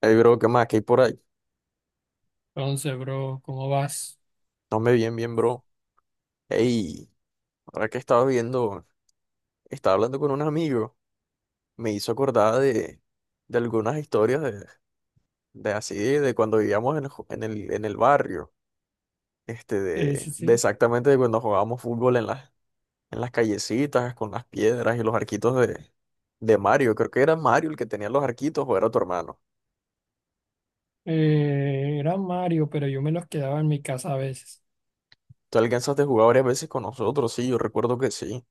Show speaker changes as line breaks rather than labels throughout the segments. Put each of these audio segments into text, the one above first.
Ey, bro, ¿qué más? ¿Qué hay por ahí?
Entonces, bro, ¿cómo vas?
No me bien, bien, bro. Ey, ahora que estaba viendo, estaba hablando con un amigo, me hizo acordar de algunas historias de así, de cuando vivíamos en, el ju- en el barrio,
Sí,
de,
sí,
de
sí.
exactamente de cuando jugábamos fútbol en las callecitas, con las piedras y los arquitos de Mario. Creo que era Mario el que tenía los arquitos o era tu hermano.
Era Mario, pero yo me los quedaba en mi casa a veces.
Tú alcanzaste a jugar varias veces con nosotros, sí, yo recuerdo que sí,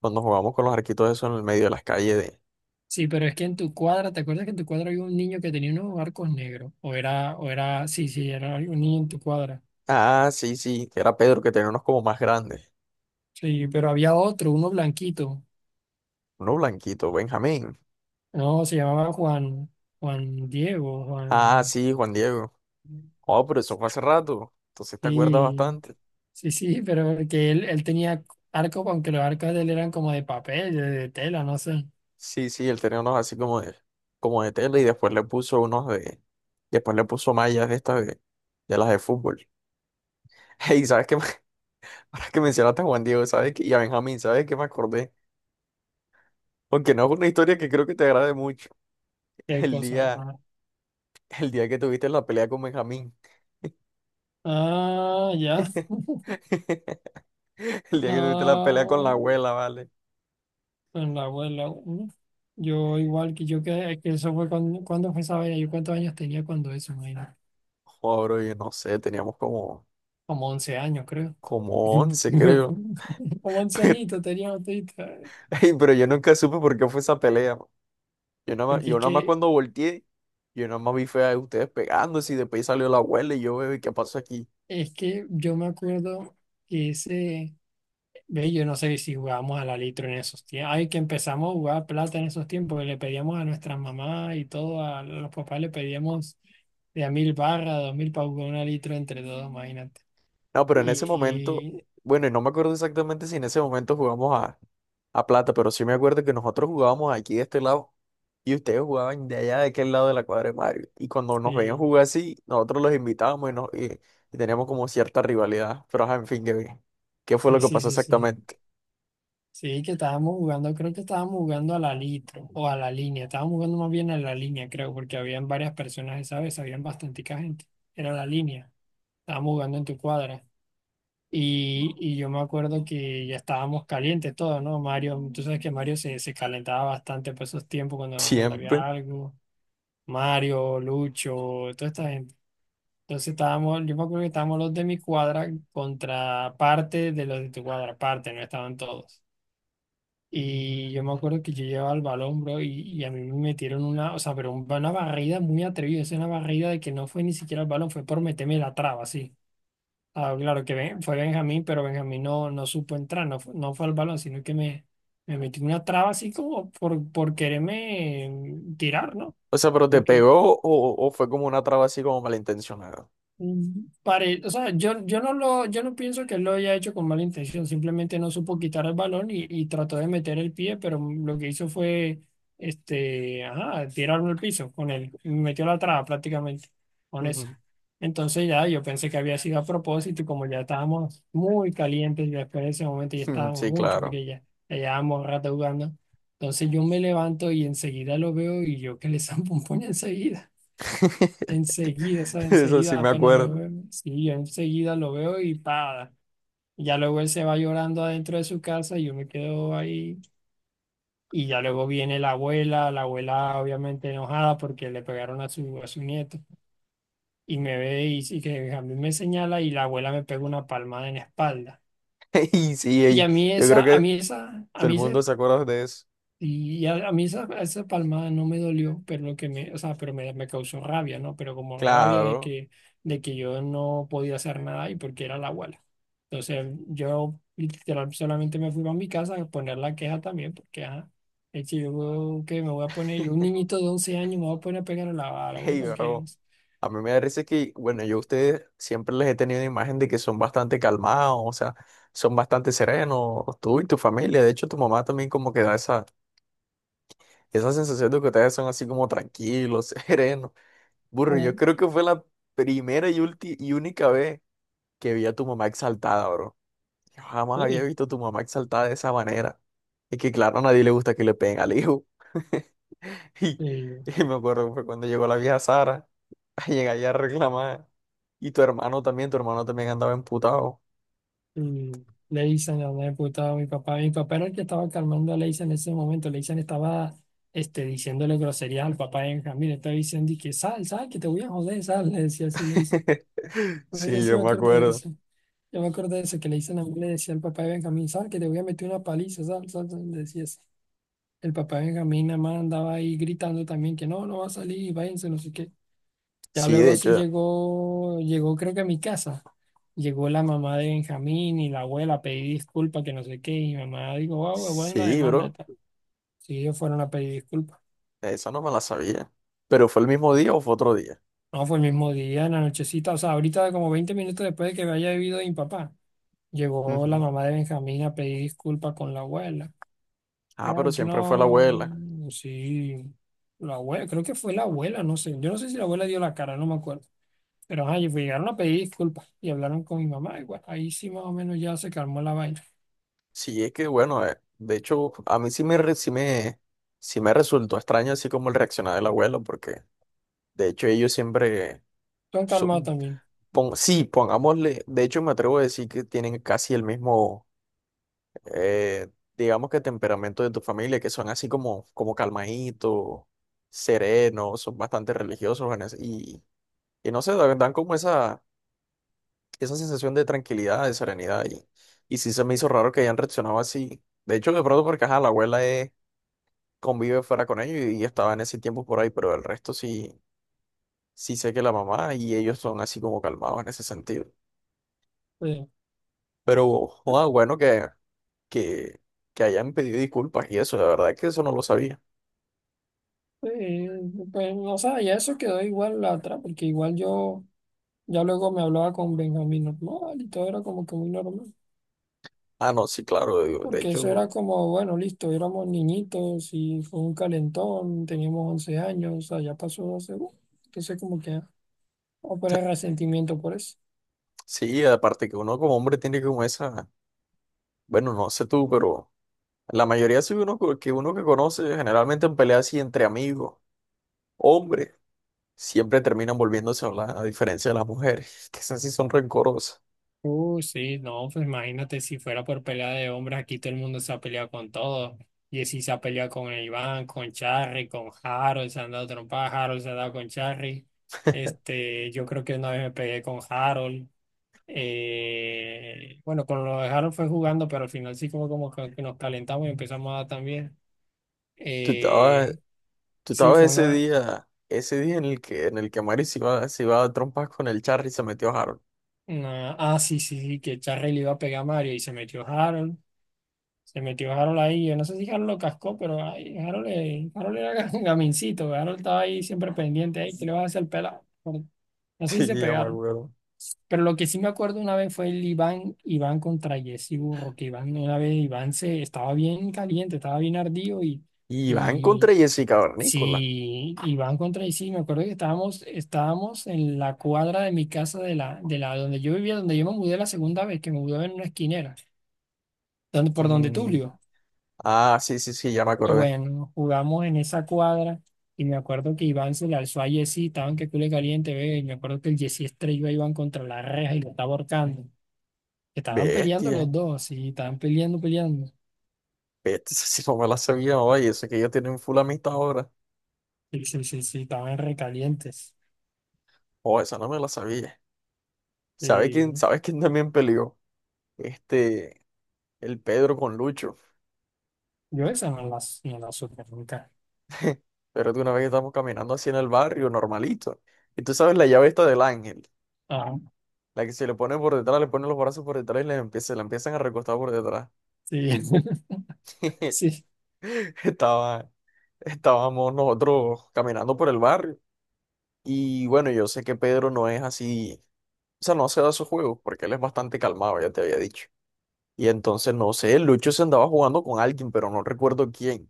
cuando jugábamos con los arquitos eso en el medio de las calles.
Sí, pero es que en tu cuadra, ¿te acuerdas que en tu cuadra había un niño que tenía unos arcos negros? O era, sí, sí, era un niño en tu cuadra.
Ah, sí, sí, que era Pedro, que tenía unos como más grandes.
Sí, pero había otro, uno blanquito.
Uno blanquito, Benjamín.
No, se llamaba Juan, Juan Diego,
Ah,
Juan.
sí, Juan Diego. Oh, pero eso fue hace rato. Entonces te acuerdas
Sí,
bastante.
sí, sí, pero que él tenía arcos, aunque los arcos de él eran como de papel, de tela, no sé.
Sí, sí, él tenía unos así como de tela y después le puso unos de, después le puso mallas de estas de las de fútbol. Hey, ¿sabes qué? Ahora que mencionaste a Juan Diego, ¿sabes qué? Y a Benjamín, ¿sabes qué me acordé? Aunque no es una historia que creo que te agrade mucho.
Qué
El
cosa.
día,
Ah,
el día que tuviste la pelea con Benjamín.
ah, ya.
El día que tuviste la pelea con la
No,
abuela, ¿vale?
pues la abuela, ¿no? Yo que eso fue cuando, cuando fue esa vaina, yo cuántos años tenía cuando eso, imagínate,
Joder, bro, yo no sé, teníamos como,
como 11 años creo.
como 11 creo.
Como 11
Pero,
añitos tenía botita,
ey, pero yo nunca supe por qué fue esa pelea. Man.
porque es
Yo nada más
que,
cuando volteé, yo nada más vi fue a ustedes pegándose y después salió la abuela y yo, bebé, ¿qué pasó aquí?
es que yo me acuerdo que ese, ve, yo no sé si jugábamos a la litro en esos tiempos, ay, que empezamos a jugar plata en esos tiempos, que le pedíamos a nuestras mamás y todo, a los papás le pedíamos de a mil barras, dos mil para jugar una litro entre todos, imagínate.
No, pero en ese momento,
Y
bueno, y no me acuerdo exactamente si en ese momento jugamos a plata, pero sí me acuerdo que nosotros jugábamos aquí de este lado. Y ustedes jugaban de allá, de aquel lado de la cuadra de Mario. Y cuando nos veían
sí,
jugar así, nosotros los invitábamos y teníamos como cierta rivalidad. Pero, ajá, en fin, ¿qué, fue lo
sí,
que
sí,
pasó
sí, sí.
exactamente?
Sí, que estábamos jugando, creo que estábamos jugando a la litro o a la línea. Estábamos jugando más bien a la línea, creo, porque habían varias personas esa vez, habían bastante gente. Era la línea. Estábamos jugando en tu cuadra. Y yo me acuerdo que ya estábamos calientes todos, ¿no? Mario, tú sabes que Mario se calentaba bastante por esos tiempos cuando, cuando había
Siempre.
algo. Mario, Lucho, toda esta gente. Entonces estábamos, yo me acuerdo que estábamos los de mi cuadra contra parte de los de tu cuadra, parte, no estaban todos. Y yo me acuerdo que yo llevaba el balón, bro, y a mí me metieron una, o sea, pero una barrida muy atrevida, es una barrida de que no fue ni siquiera el balón, fue por meterme la traba, sí. Ah, claro que fue Benjamín, pero Benjamín no, no supo entrar, no, no fue al balón, sino que me metió una traba así como por quererme tirar, ¿no?
O sea, ¿pero te
Porque
pegó o fue como una traba así como malintencionada?
mm, o sea, yo, yo no pienso que él lo haya hecho con mala intención, simplemente no supo quitar el balón y trató de meter el pie, pero lo que hizo fue, ajá, tirarlo al piso con él, metió la traba prácticamente con eso.
Ujú.
Entonces ya yo pensé que había sido a propósito y como ya estábamos muy calientes, ya después de ese momento ya
Mm,
estábamos
sí,
mucho
claro.
porque ya, ya llevábamos rato jugando. Entonces yo me levanto y enseguida lo veo y yo que le zampo un puño enseguida. Enseguida, o sea,
Eso sí
enseguida
me
apenas lo
acuerdo.
veo, sí, yo enseguida lo veo y para. Ya luego él se va llorando adentro de su casa y yo me quedo ahí. Y ya luego viene la abuela obviamente enojada porque le pegaron a su nieto. Y me ve y que a mí me señala y la abuela me pega una palmada en la espalda.
Y sí,
Y
ey,
a mí
yo creo
esa, a
que
mí esa, a
todo
mí
el mundo
ese
se acuerda de eso.
Y a, mí esa, esa palmada no me dolió, pero lo que me, o sea, pero me causó rabia, ¿no? Pero como rabia
Claro.
de que yo no podía hacer nada y porque era la abuela. Entonces yo literal solamente me fui a mi casa a poner la queja también, porque ajá, eche, yo que me voy a poner, yo un niñito de 11 años me voy a poner a pegar a la
Hey,
abuela, ¿o qué? No.
bro. A mí me da risa que, bueno, yo a ustedes siempre les he tenido una imagen de que son bastante calmados, o sea, son bastante serenos, tú y tu familia. De hecho, tu mamá también como que da esa sensación de que ustedes son así como tranquilos, serenos. Burro, yo
Mm.
creo que fue la primera y única vez que vi a tu mamá exaltada, bro. Yo jamás había
Sí,
visto a tu mamá exaltada de esa manera. Es que, claro, a nadie le gusta que le peguen al hijo. Y,
sí,
y me acuerdo que fue cuando llegó la vieja Sara a llegar allá a reclamar. Y tu hermano también andaba emputado.
y Leisen la había puteado a mi papá. Mi papá era el que estaba calmando a Leisen en ese momento. Leisen estaba, diciéndole groserías al papá de Benjamín. Le estaba diciendo y que sal, sal, que te voy a joder, sal. Le decía así Leisen. A
Sí,
veces sí
yo
me
me
acuerdo de
acuerdo.
eso. Yo me acuerdo de eso, que Leisen a mí le decía al papá de Benjamín, sal, que te voy a meter una paliza, sal, sal, sal. Le decía así. El papá de Benjamín nada más andaba ahí gritando también que no, no va a salir, váyanse, no sé qué. Ya
Sí, de
luego sí
hecho,
llegó, llegó creo que a mi casa. Llegó la mamá de Benjamín y la abuela, pedí disculpas, que no sé qué. Y mi mamá dijo, wow, bueno, la
sí,
demanda y
bro,
tal. Sí, ellos fueron a pedir disculpas.
esa no me la sabía. ¿Pero fue el mismo día o fue otro día?
No, fue el mismo día, en la nochecita, o sea, ahorita como 20 minutos después de que me haya vivido mi papá, llegó la
Ujú.
mamá de Benjamín a pedir disculpas con la abuela.
Ah,
Claro
pero
que
siempre fue la
no,
abuela.
sí, la abuela, creo que fue la abuela, no sé. Yo no sé si la abuela dio la cara, no me acuerdo. Pero ajá, y llegaron a pedir disculpas y hablaron con mi mamá. Y bueno, ahí sí más o menos ya se calmó la vaina.
Sí, es que bueno, de hecho, a mí sí me, re- sí me resultó extraño así como el reaccionar del abuelo, porque de hecho ellos siempre,
Tú han calmado
su-
también.
sí, pongámosle, de hecho me atrevo a decir que tienen casi el mismo eh, digamos que temperamento de tu familia, que son así como calmaditos, serenos, son bastante religiosos y no sé, dan como esa sensación de tranquilidad, de serenidad. Y sí se me hizo raro que hayan reaccionado así. De hecho, de pronto porque ajá, la abuela convive fuera con ellos y estaba en ese tiempo por ahí, pero el resto sí, sí sé que la mamá y ellos son así como calmados en ese sentido.
Sí.
Pero joda, bueno que, que, que hayan pedido disculpas y eso, la verdad es que eso no lo sabía.
Sí, pues no sé, ya eso quedó igual la otra, porque igual yo ya luego me hablaba con Benjamín normal y todo era como que muy normal.
Ah, no, sí, claro, digo, de
Porque eso era
hecho,
como, bueno, listo, éramos niñitos y fue un calentón, teníamos 11 años, o sea, ya pasó 12, entonces como que ah, no poner resentimiento por eso.
sí, aparte que uno como hombre tiene como esa, bueno, no sé tú, pero la mayoría sí que uno que conoce, generalmente en peleas así entre amigos, hombres, siempre terminan volviéndose a hablar, a diferencia de las mujeres, que esas sí son rencorosas.
Sí, no, pues imagínate si fuera por pelea de hombres, aquí todo el mundo se ha peleado con todos. Jessy se ha peleado con Iván, con Charry, con Harold, se han dado trompadas, Harold se ha dado con Charry. Yo creo que una vez me pegué con Harold. Bueno, con lo de Harold fue jugando, pero al final sí como, como que nos calentamos y empezamos a dar también.
Tú
Eh,
estabas, tú
sí,
estabas
fue
ese día en el que Mari se iba a trompas con el Charry y se metió a Harold.
una... Ah, sí, sí, sí, que Charry le iba a pegar a Mario y se metió Harold. Se metió Harold ahí. Yo no sé si Harold lo cascó, pero ay, Harold, Harold era gamincito. Harold estaba ahí siempre pendiente. Ay, ¿qué le vas a hacer al pelado? No sé si
Sí,
se
ya me
pegaron.
acuerdo.
Pero lo que sí me acuerdo una vez fue el Iván, Iván contra Jesse Burro, que Iván, una vez Iván se estaba bien caliente, estaba bien ardido
Y van
y
contra Jessica Barnícola.
sí, Iván contra Jesse, me acuerdo que estábamos, estábamos en la cuadra de mi casa de de la donde yo vivía, donde yo me mudé la segunda vez, que me mudé en una esquinera, donde, por donde
Mm.
Tulio.
Ah, sí, sí, sí, ya me acordé.
Bueno, jugamos en esa cuadra y me acuerdo que Iván se le alzó a Jessy, estaban que cule caliente, ve, y me acuerdo que el Jessy estrelló a Iván contra la reja y lo estaba ahorcando. Estaban peleando
Bestia.
los dos, y estaban peleando, peleando.
Si no me la sabía, oye, eso que ella tiene un full amistad ahora.
Sí, sí, sí, sí, estaban recalientes.
Oh, esa no me la sabía.
Sí,
Sabes quién también peleó? Este, el Pedro con Lucho.
yo esa no no la supe nunca.
Pero de una vez estamos caminando así en el barrio, normalito. Y tú sabes la llave esta del ángel.
Ah,
La que se le pone por detrás, le pone los brazos por detrás y le empieza, se la empiezan a recostar por detrás.
sí, sí.
Estaba, estábamos nosotros caminando por el barrio. Y bueno, yo sé que Pedro no es así, o sea, no se da sus juegos porque él es bastante calmado, ya te había dicho. Y entonces, no sé, Lucho se andaba jugando con alguien, pero no recuerdo quién.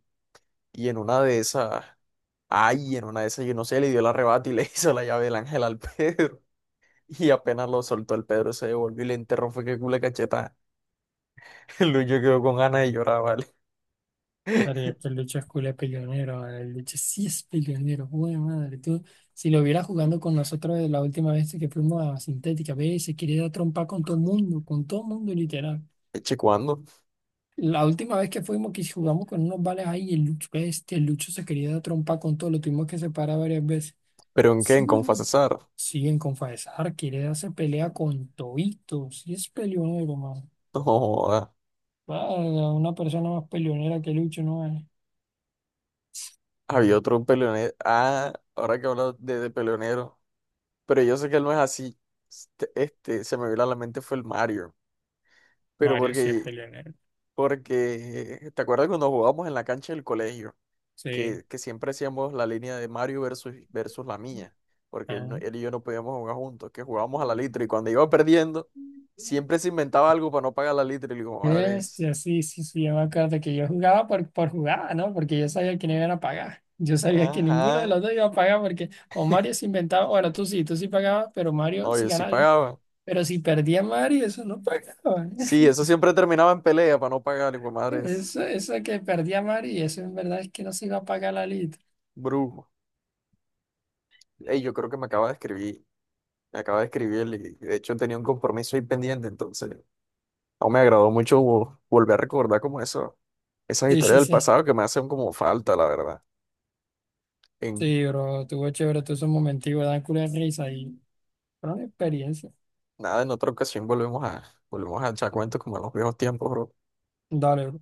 Y en una de esas, ay, en una de esas, yo no sé, le dio el arrebato y le hizo la llave del ángel al Pedro. Y apenas lo soltó el Pedro, se devolvió y le enterró, fue que culo de cachetada. El Lucho quedó con ganas de llorar, ¿vale?
Madre, el Lucho es culo de peleonero, madre, el Lucho sí es peleonero, buena madre, tú, si lo vieras jugando con nosotros la última vez que fuimos a Sintética, ve, se quería dar trompa con todo mundo literal.
Eche, ¿cuándo?
La última vez que fuimos que jugamos con unos vales ahí, el Lucho, el Lucho se quería dar trompa con todo, lo tuvimos que separar varias veces.
¿Pero en qué? ¿En
Sí,
Confa
sí,
Cesar?
siguen con Faesar, quiere darse pelea con Tobito, sí es peleonero, man.
No, joda.
Vaya, una persona más peleonera que Lucho no es.
Había otro peleonero. Ah, ahora que hablo de peleonero. Pero yo sé que él no es así. Se me vino a la mente fue el Mario. Pero
Mario sí es
porque
peleonero,
Porque, ¿te acuerdas cuando jugábamos en la cancha del colegio?
sí.
Que siempre hacíamos la línea de Mario versus, versus la mía. Porque él, no-
Ah,
él y yo no podíamos jugar juntos, que jugábamos a la litra. Y cuando iba perdiendo, siempre se inventaba algo para no pagar la litra. Y le digo, madres.
Sí, sí, sí, yo me acuerdo que yo jugaba por jugada, ¿no? Porque yo sabía que no iban a pagar. Yo sabía que ninguno de
Ajá.
los dos iba a pagar porque o Mario se inventaba, bueno, tú sí pagabas, pero Mario
No,
sí
yo sí
ganaba.
pagaba.
Pero si perdía Mario, eso no pagaba.
Sí, eso siempre terminaba en pelea para no pagar. Y digo, madres,
Eso que perdía Mario, eso en verdad es que no se iba a pagar la lista.
brujo. Ey, yo creo que me acaba de escribir. Me acaba de escribir él y de hecho tenía un compromiso ahí pendiente. Entonces, no me agradó mucho volver a recordar como eso. Esas
Sí,
historias
sí,
del
sí.
pasado que me hacen como falta, la verdad. En
Sí, bro, tuvo chévere, tuvo esos momentos, dan culo de risa y fueron experiencia.
nada, en otra ocasión volvemos a, volvemos a echar cuentos como en los viejos tiempos, bro.
Dale, bro.